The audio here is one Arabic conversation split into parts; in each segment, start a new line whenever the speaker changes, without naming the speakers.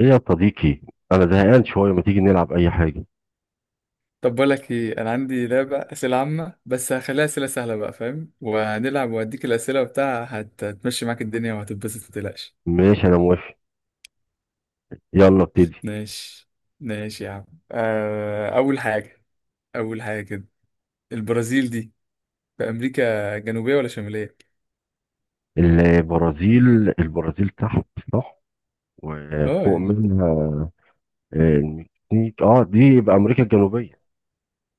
ايه يا صديقي؟ انا زهقان شويه، ما تيجي نلعب اي حاجه؟
طب بقول لك ايه، انا عندي لعبه اسئله عامه، بس هخليها اسئله سهله بقى، فاهم؟ وهنلعب واديك الاسئله وبتاع، هتمشي معاك الدنيا وهتتبسط، متقلقش.
ماشي، انا موافق. يلا ابتدي.
ماشي. ماشي يا عم. اول حاجه، اول حاجه كده، البرازيل دي في امريكا جنوبيه ولا شماليه؟
البرازيل البرازيل تحت، صح،
اه
وفوق
يعني،
منها. المكسيك دي يبقى امريكا الجنوبيه،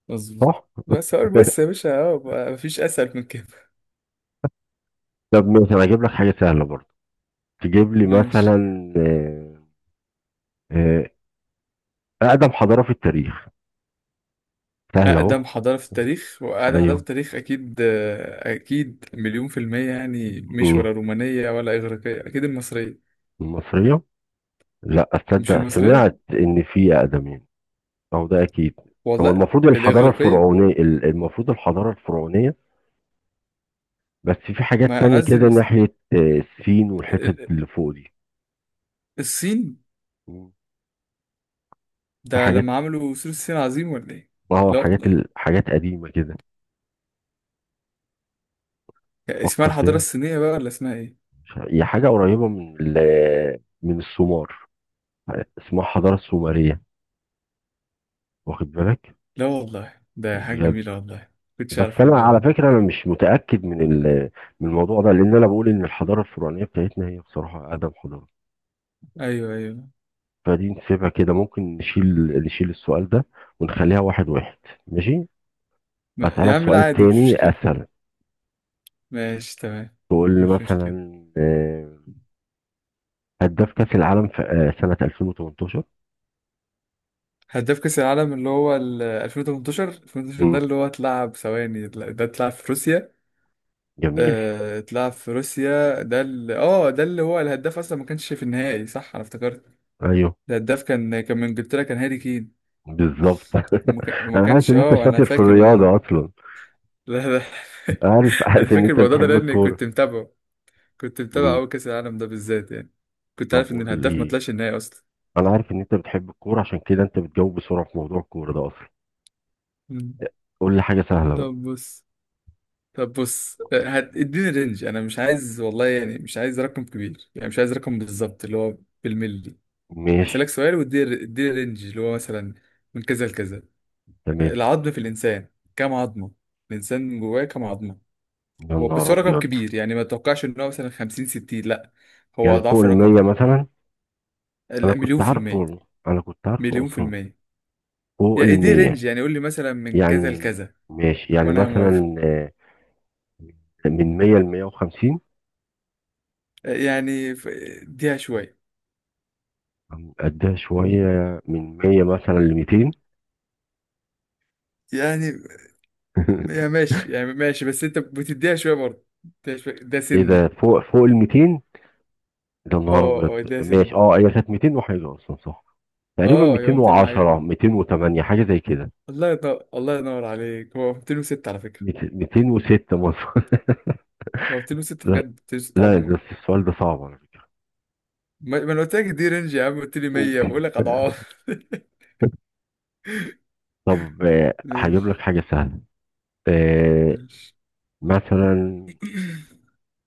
مظبوط.
صح.
بس سؤال بس يا باشا، اه بقى مفيش اسهل من كده.
طب ماشي، انا هجيب لك حاجه سهله برضه. تجيب لي
ماشي.
مثلا. آه، آه، اقدم حضاره في التاريخ، سهله اهو.
اقدم حضاره في التاريخ، واقدم حضاره في
ايوه.
التاريخ اكيد، اكيد مليون في الميه، يعني مش
أمم.
ولا رومانيه ولا اغريقيه، اكيد المصريه.
المصريه. لا
مش
اصدق،
المصرية؟
سمعت ان في اقدم يعني. أو ده أكيد. هو
والله.
المفروض الحضارة
الإغريقية.
الفرعونية المفروض الحضارة الفرعونية. بس في حاجات
ما أنا
تانية
عايز
كده
المس...
ناحية الصين
ال-
والحتت
ال-
اللي فوق دي.
الصين
مم. في
ده،
حاجات
لما عملوا سور الصين عظيم ولا إيه؟
اه
لا
حاجات
والله.
ال- حاجات قديمة كده.
اسمها
فكر
الحضارة
كده.
الصينية بقى ولا اسمها إيه؟
مش عارف، هي حاجة قريبة من السومار. اسمها الحضارة السومرية، واخد بالك؟
لا والله، ده حاجة
بجد.
جميلة والله، كنتش
بس
عارف
أنا
الموضوع
على
ده.
فكرة، أنا مش متأكد من الموضوع ده، لأن أنا بقول إن الحضارة الفرعونية بتاعتنا هي بصراحة أقدم حضارة.
أيوه أيوه.
فدي نسيبها كده، ممكن نشيل السؤال ده، ونخليها واحد واحد. ماشي.
ما... يا
أسألك
عم لا
سؤال
عادي، مش
تاني
مشكلة.
أسهل.
ماشي تمام،
تقول لي
مش مشكلة.
مثلا هداف كأس العالم في سنة 2018.
هداف كأس العالم اللي هو ال 2018، 2018. ده
مم.
اللي هو اتلعب، ثواني، ده اتلعب في روسيا.
جميل.
اتلعب في روسيا. ده اللي ده اللي هو الهداف اصلا ما كانش في النهائي، صح؟ انا افتكرت
ايوه،
الهداف كان من انجلترا، كان هاري كين.
بالظبط.
وما
انا عارف
كانش،
ان انت
اه انا
شاطر في
فاكر الموضوع ده.
الرياضه اصلا.
لا
عارف
انا
عارف ان
فاكر
انت
الموضوع ده
بتحب
لاني
الكوره.
كنت متابعه، كنت متابع
مم.
اول كاس العالم ده بالذات يعني، كنت
طب
عارف ان
قول لي
الهداف ما
إيه؟
طلعش النهائي اصلا.
انا عارف ان انت بتحب الكوره، عشان كده انت بتجاوب بسرعه في موضوع الكوره ده اصلا.
مم.
قول لي حاجه سهله بقى.
طب بص طب بص اديني رينج، انا مش عايز والله، يعني مش عايز رقم كبير، يعني مش عايز رقم بالظبط اللي هو بالملي.
ماشي،
هسألك سؤال واديني، اديني رينج اللي هو مثلا من كذا لكذا.
تمام.
العظم في الإنسان كام عظمة؟ الإنسان جواه كام عظمة؟
يا
هو
نهار
بس هو رقم
ابيض!
كبير، يعني ما توقعش إن هو مثلا 50 60، لا هو
يعني فوق
أضعاف الرقم
المية
ده.
مثلا؟ انا
مليون
كنت
في
عارفه
المية،
والله، انا كنت عارفه
مليون في
اصلا.
المية
فوق
يا اديني
المية.
رينج، يعني قول لي مثلا من كذا
يعني
لكذا،
ماشي، يعني
وأنا موافق.
مثلا من مية لمية وخمسين.
يعني ف- اديها شوية،
قدها شوية. من مية مثلا لميتين.
يعني يا ماشي، يعني ماشي، بس أنت بتديها شوية برضه. اديها شوية ده
ايه ده،
سنة.
فوق الميتين؟ ده نهار ابيض،
اه اه ده سنة.
ماشي. اه، هي كانت ميتين وحاجة اصلا، صح. تقريبا
اه يوم
ميتين
200
وعشرة
وحاجة.
208 حاجة زي كده.
الله ينور، الله ينور عليك، هو 206 على فكرة.
206 مثلا.
هو 206
لا،
بجد، 206
لا،
عظمة.
بس السؤال ده صعب على فكرة.
ما انا قلت لك دي رينج يا عم، قلت لي 100، بقول لك اضعاف.
طب، هجيب
ماشي
لك حاجة سهلة. آه،
ماشي.
مثلا.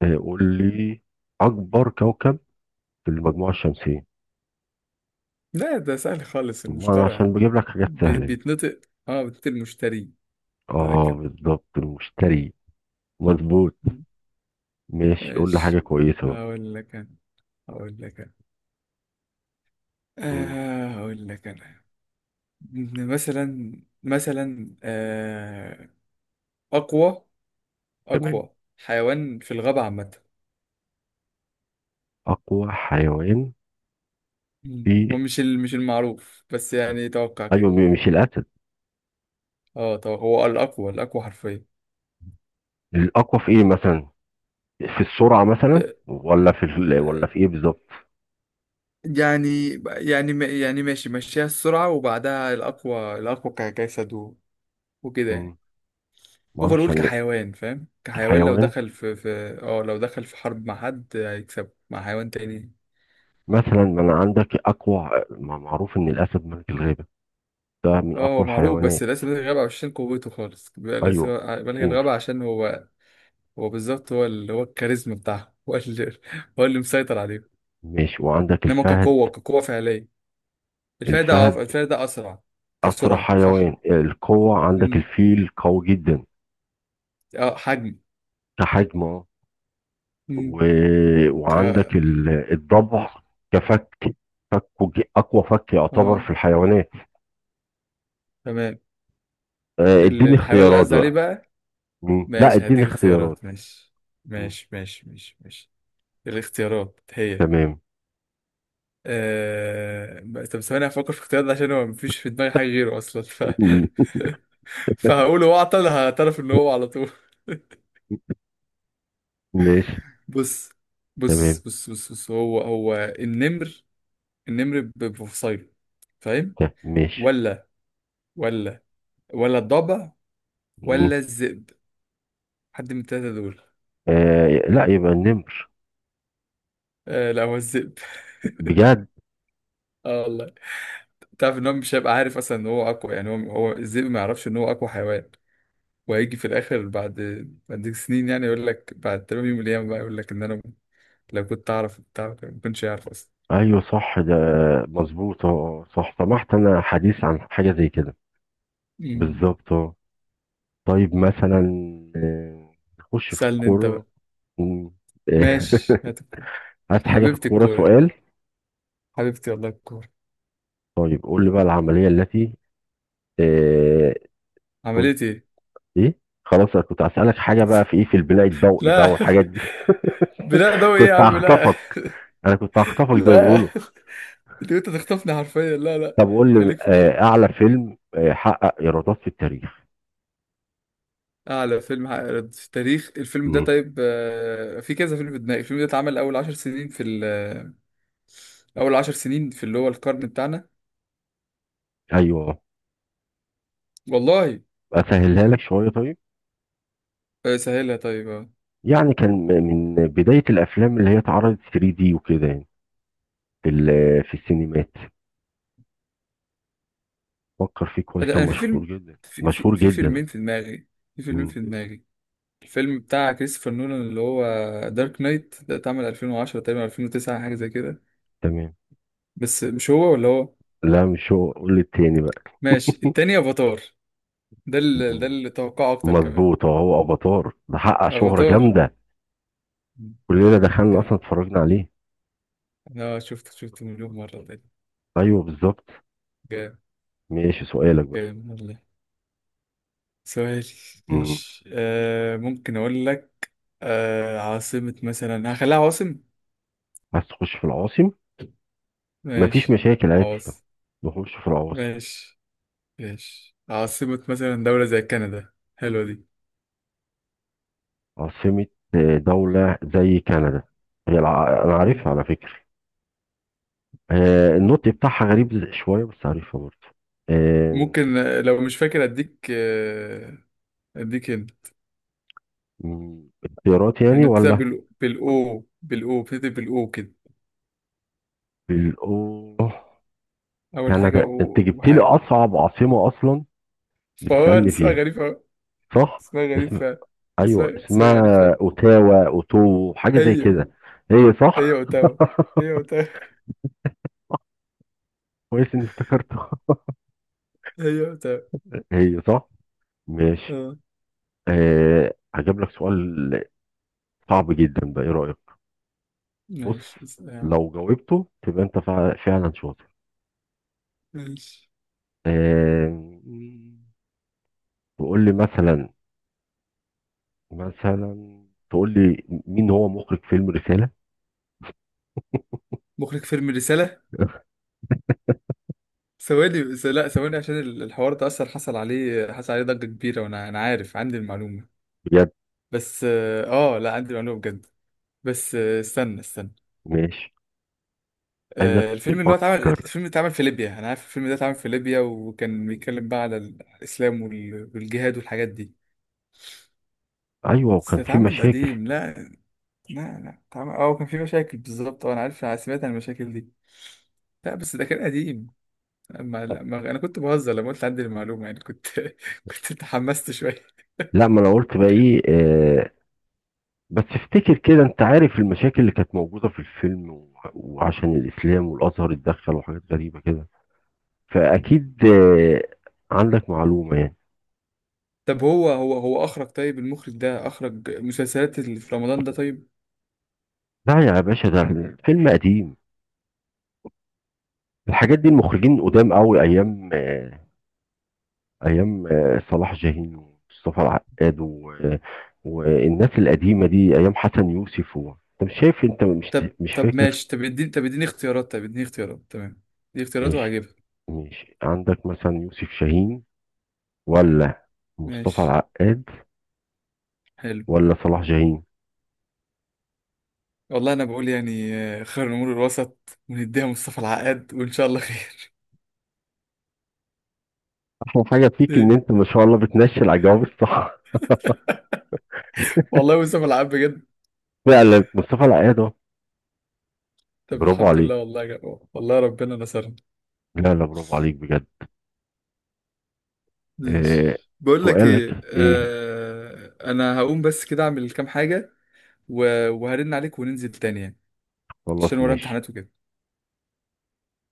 قول لي أكبر كوكب في المجموعة الشمسية.
لا ده سهل خالص،
ما أنا
المشترى يا
عشان
عم.
بجيب لك حاجات سهلة يعني.
بيتنطق، اه بيتنطق المشتري، بيتنطق
آه،
كده.
بالظبط، المشتري. مظبوط. ماشي، قول لي حاجة
ماشي.
كويسة بقى.
هقول لك انا هقول لك انا
مم.
هقول لك انا إن مثلا، مثلا اقوى
تمام.
اقوى حيوان في الغابة عامة.
أقوى حيوان
مم.
في.
هو مش المعروف، بس يعني توقع
أيوة،
كده.
مش الأسد.
هو الأقوى، الأقوى حرفيا.
الأقوى في إيه مثلا؟ في السرعة مثلا
آه،
ولا
آه،
في إيه بالظبط؟
يعني ماشي، مشيها السرعة وبعدها الأقوى، الأقوى كجسد وكده
مم.
يعني.
معرفش
أول
أنا.
كحيوان، فاهم؟ كحيوان لو
حيوان.
دخل في اه لو دخل في حرب مع حد، هيكسب مع حيوان تاني.
مثلا ما أنا عندك أقوى، ما معروف إن الأسد ملك الغابة، ده من
اه هو
أقوى
معروف، بس
الحيوانات.
لازم يلغي الغابة عشان قوته خالص، بيبقى لازم
أيوة،
بلغي
أوف.
الغابة عشان هو، هو بالظبط، هو اللي هو الكاريزما بتاعه هو اللي، هو اللي مسيطر عليه.
ماشي، وعندك
انما
الفهد.
كقوة، كقوة فعلية، الفايدة اه
الفهد
الفايدة أسرع،
أسرع
كسرعة صح.
حيوان. القوة عندك
مم.
الفيل قوي جدا،
اه حجم.
كحجم و...
مم. ك،
وعندك الضبع، كفك. فكه أقوى فك يعتبر
اه
في الحيوانات.
تمام.
اديني
الحيوان اللي
اختيارات
قصدي عليه
بقى.
بقى،
مم. لا،
ماشي
اديني
هديك
اختيارات.
اختيارات. ماشي
مم.
ماشي ماشي ماشي ماشي الاختيارات هي،
تمام.
طب ثواني، هفكر في اختيارات ده عشان هو مفيش في دماغي حاجة غيره أصلا، ف...
مم.
فهقوله واعطل، هعترف إن هو على طول.
ماشي،
بص بص
تمام.
بص بص, بص هو هو النمر، النمر بفصيله، فاهم؟
ماشي.
ولا ولا، ولا الضبع،
مم.
ولا الذئب؟ حد من التلاتة دول.
آه، لا، يبقى النمر.
آه لا هو الذئب.
بجد.
اه والله. تعرف ان هو مش هيبقى عارف اصلا ان هو اقوى؟ يعني هو، هو الذئب ما يعرفش ان هو اقوى حيوان، وهيجي في الاخر بعد سنين، يعني يقول لك بعد تمام يوم القيامة بقى، يقول لك ان انا لو كنت اعرف بتاع، ما كنتش عارف اصلا.
ايوه صح، ده مظبوط، صح، سمحت انا حديث عن حاجه زي كده.
مم.
بالظبط، طيب مثلا. آه، نخش في
سألني انت
الكورة.
بقى.
مم. آه،
ماشي هات الكورة.
عايز حاجة في
حبيبتي
الكورة،
الكورة دي.
سؤال.
حبيبتي والله الكورة.
طيب قول لي بقى العملية التي آه، كنت،
عملت ايه؟
ايه؟ خلاص، انا كنت هسألك حاجة بقى في ايه، في البناء الضوئي بقى
لا.
والحاجات دي.
بلا ضوء ايه يا
كنت
عم؟ لا.
هخطفك. انا كنت هخطفك زي ما
لا،
بيقولوا.
انت تخطفني حرفيا، لا لا.
طب قول لي
خليك في الكورة.
اعلى فيلم حقق ايرادات في التاريخ.
اعلى فيلم عقد في التاريخ، الفيلم ده
مم.
طيب، في كذا فيلم في دماغي، الفيلم ده اتعمل اول عشر سنين اول عشر سنين في اللي هو القرن بتاعنا،
ايوه.
والله.
اسهلها لك شوية طيب.
سهلها طيب اه.
يعني كان من بداية الافلام اللي هي اتعرضت 3D وكده، يعني في السينمات. فكر فيه كويس،
انا
كان
أنا في
مشهور
فيلم
جدا،
في في
مشهور
في
جدا.
فيلمين في دماغي في فيلمين
مم.
في دماغي الفيلم بتاع كريستوفر نولان اللي هو دارك نايت، ده اتعمل 2010 تقريبا، 2009 حاجة زي كده.
تمام.
بس مش هو، ولا هو.
لا، مش هو، قول التاني بقى.
ماشي، التاني، افاتار. ده اللي، ده
مم.
اللي توقعه اكتر كمان.
مظبوط. هو افاتار، ده حقق شهرة
افاتار،
جامدة. كلنا دخلنا اصلا
جامد.
اتفرجنا عليه.
اه شفت، شفت مليون مرة ده.
ايوه، بالظبط.
جامد.
ماشي، سؤالك بقى.
جامد والله. سؤالي،
مم.
ماشي. آه ممكن أقول لك، آه عاصمة، مثلا هخليها عواصم.
عايز تخش في العواصم. مفيش
ماشي،
مشاكل، عادي.
عواصم،
نخش في العواصم.
ماشي ماشي. عاصمة مثلا دولة زي كندا، حلوة دي.
عاصمة دولة زي كندا. هي انا
مم.
عارفها على فكرة. النطق بتاعها غريب شوية، بس عارفها برضه. آه،
ممكن لو مش فاكر أديك آه، أديك هنا
اختيارات يعني
يعني. بتبدأ
ولا؟
بالأو بتبدأ بالأو كده،
بالأوه.
أول حاجة
كندا،
أو
أنت جبت لي
وحاجة،
أصعب عاصمة أصلا
فهو
بتسألني
اسمها
فيها،
غريب أوي،
صح؟
اسمها غريب
اسم.
فعلا. اسمها
أيوه،
اسمها غريب.
اسمها أوتاوا، أوتو حاجة زي
هي،
كده. هي
هي
صح؟
اوتاوا هي اوتاوا
كويس إني افتكرتها.
هي اوتاوا.
هي صح؟ ماشي.
اه،
هجيب لك سؤال صعب جدا ده، إيه رأيك؟ بص،
ماشي. اسأل.
لو جاوبته تبقى أنت فعلا شاطر.
ماشي.
أه تقول لي مثلا، تقول لي مين هو مخرج فيلم رسالة؟
مخرج فيلم رسالة؟ لا ثواني، عشان الحوار ده اصلا حصل عليه، حصل عليه ضجة كبيرة، وانا عارف، عندي المعلومة.
بجد.
بس اه، لا عندي المعلومة بجد. بس استنى.
ماشي. عايزك
الفيلم اللي هو اتعمل،
تفكر.
الفيلم اللي اتعمل في ليبيا، انا عارف الفيلم ده اتعمل في ليبيا، وكان بيتكلم بقى على الاسلام والجهاد والحاجات دي.
ايوه،
بس
وكان في
اتعمل
مشاكل.
قديم. لا، لا طبعا، اه كان في مشاكل بالظبط، اه انا عارف، انا سمعت عن المشاكل دي. لا بس ده كان قديم. ما انا كنت بهزر لما قلت عندي المعلومه، يعني كنت كنت تحمست شويه.
لا، ما انا قلت بقى ايه. آه، بس افتكر كده، انت عارف المشاكل اللي كانت موجوده في الفيلم و- وعشان الاسلام والازهر اتدخل وحاجات غريبه كده. فاكيد. عندك معلومه يعني.
طب هو هو اخرج، طيب المخرج ده اخرج مسلسلات اللي في رمضان ده طيب؟
لا يا باشا، ده الفيلم قديم. الحاجات دي المخرجين قدام قوي، ايام ايام صلاح جاهين ومصطفى العقاد والناس القديمه دي، ايام حسن يوسف انت مش شايف، انت مش
طب
مش
طب
فاكر.
ماشي، طب اديني طب اديني اختيارات، اديني اختيارات تمام، دي اختيارات
ماشي،
وهجيبها.
ماشي، عندك مثلا يوسف شاهين، ولا مصطفى
ماشي،
العقاد،
حلو.
ولا صلاح جاهين.
والله انا بقول يعني، خير الامور الوسط، ونديها مصطفى العقاد، وان شاء الله خير.
احلى حاجه فيك ان انت ما شاء الله بتنشي الاجوبه الصح.
والله مصطفى العقاد بجد.
فعلا، مصطفى العقاد اهو.
طب
برافو
الحمد لله،
عليك.
والله يا جماعة، والله ربنا نصرنا.
لا، لا، برافو عليك بجد. آه
ماشي. بقول لك ايه،
سؤالك ايه؟
آه انا هقوم بس كده اعمل كام حاجة، وهرن عليك وننزل تاني يعني، عشان
خلاص
ورايا
ماشي.
امتحانات وكده.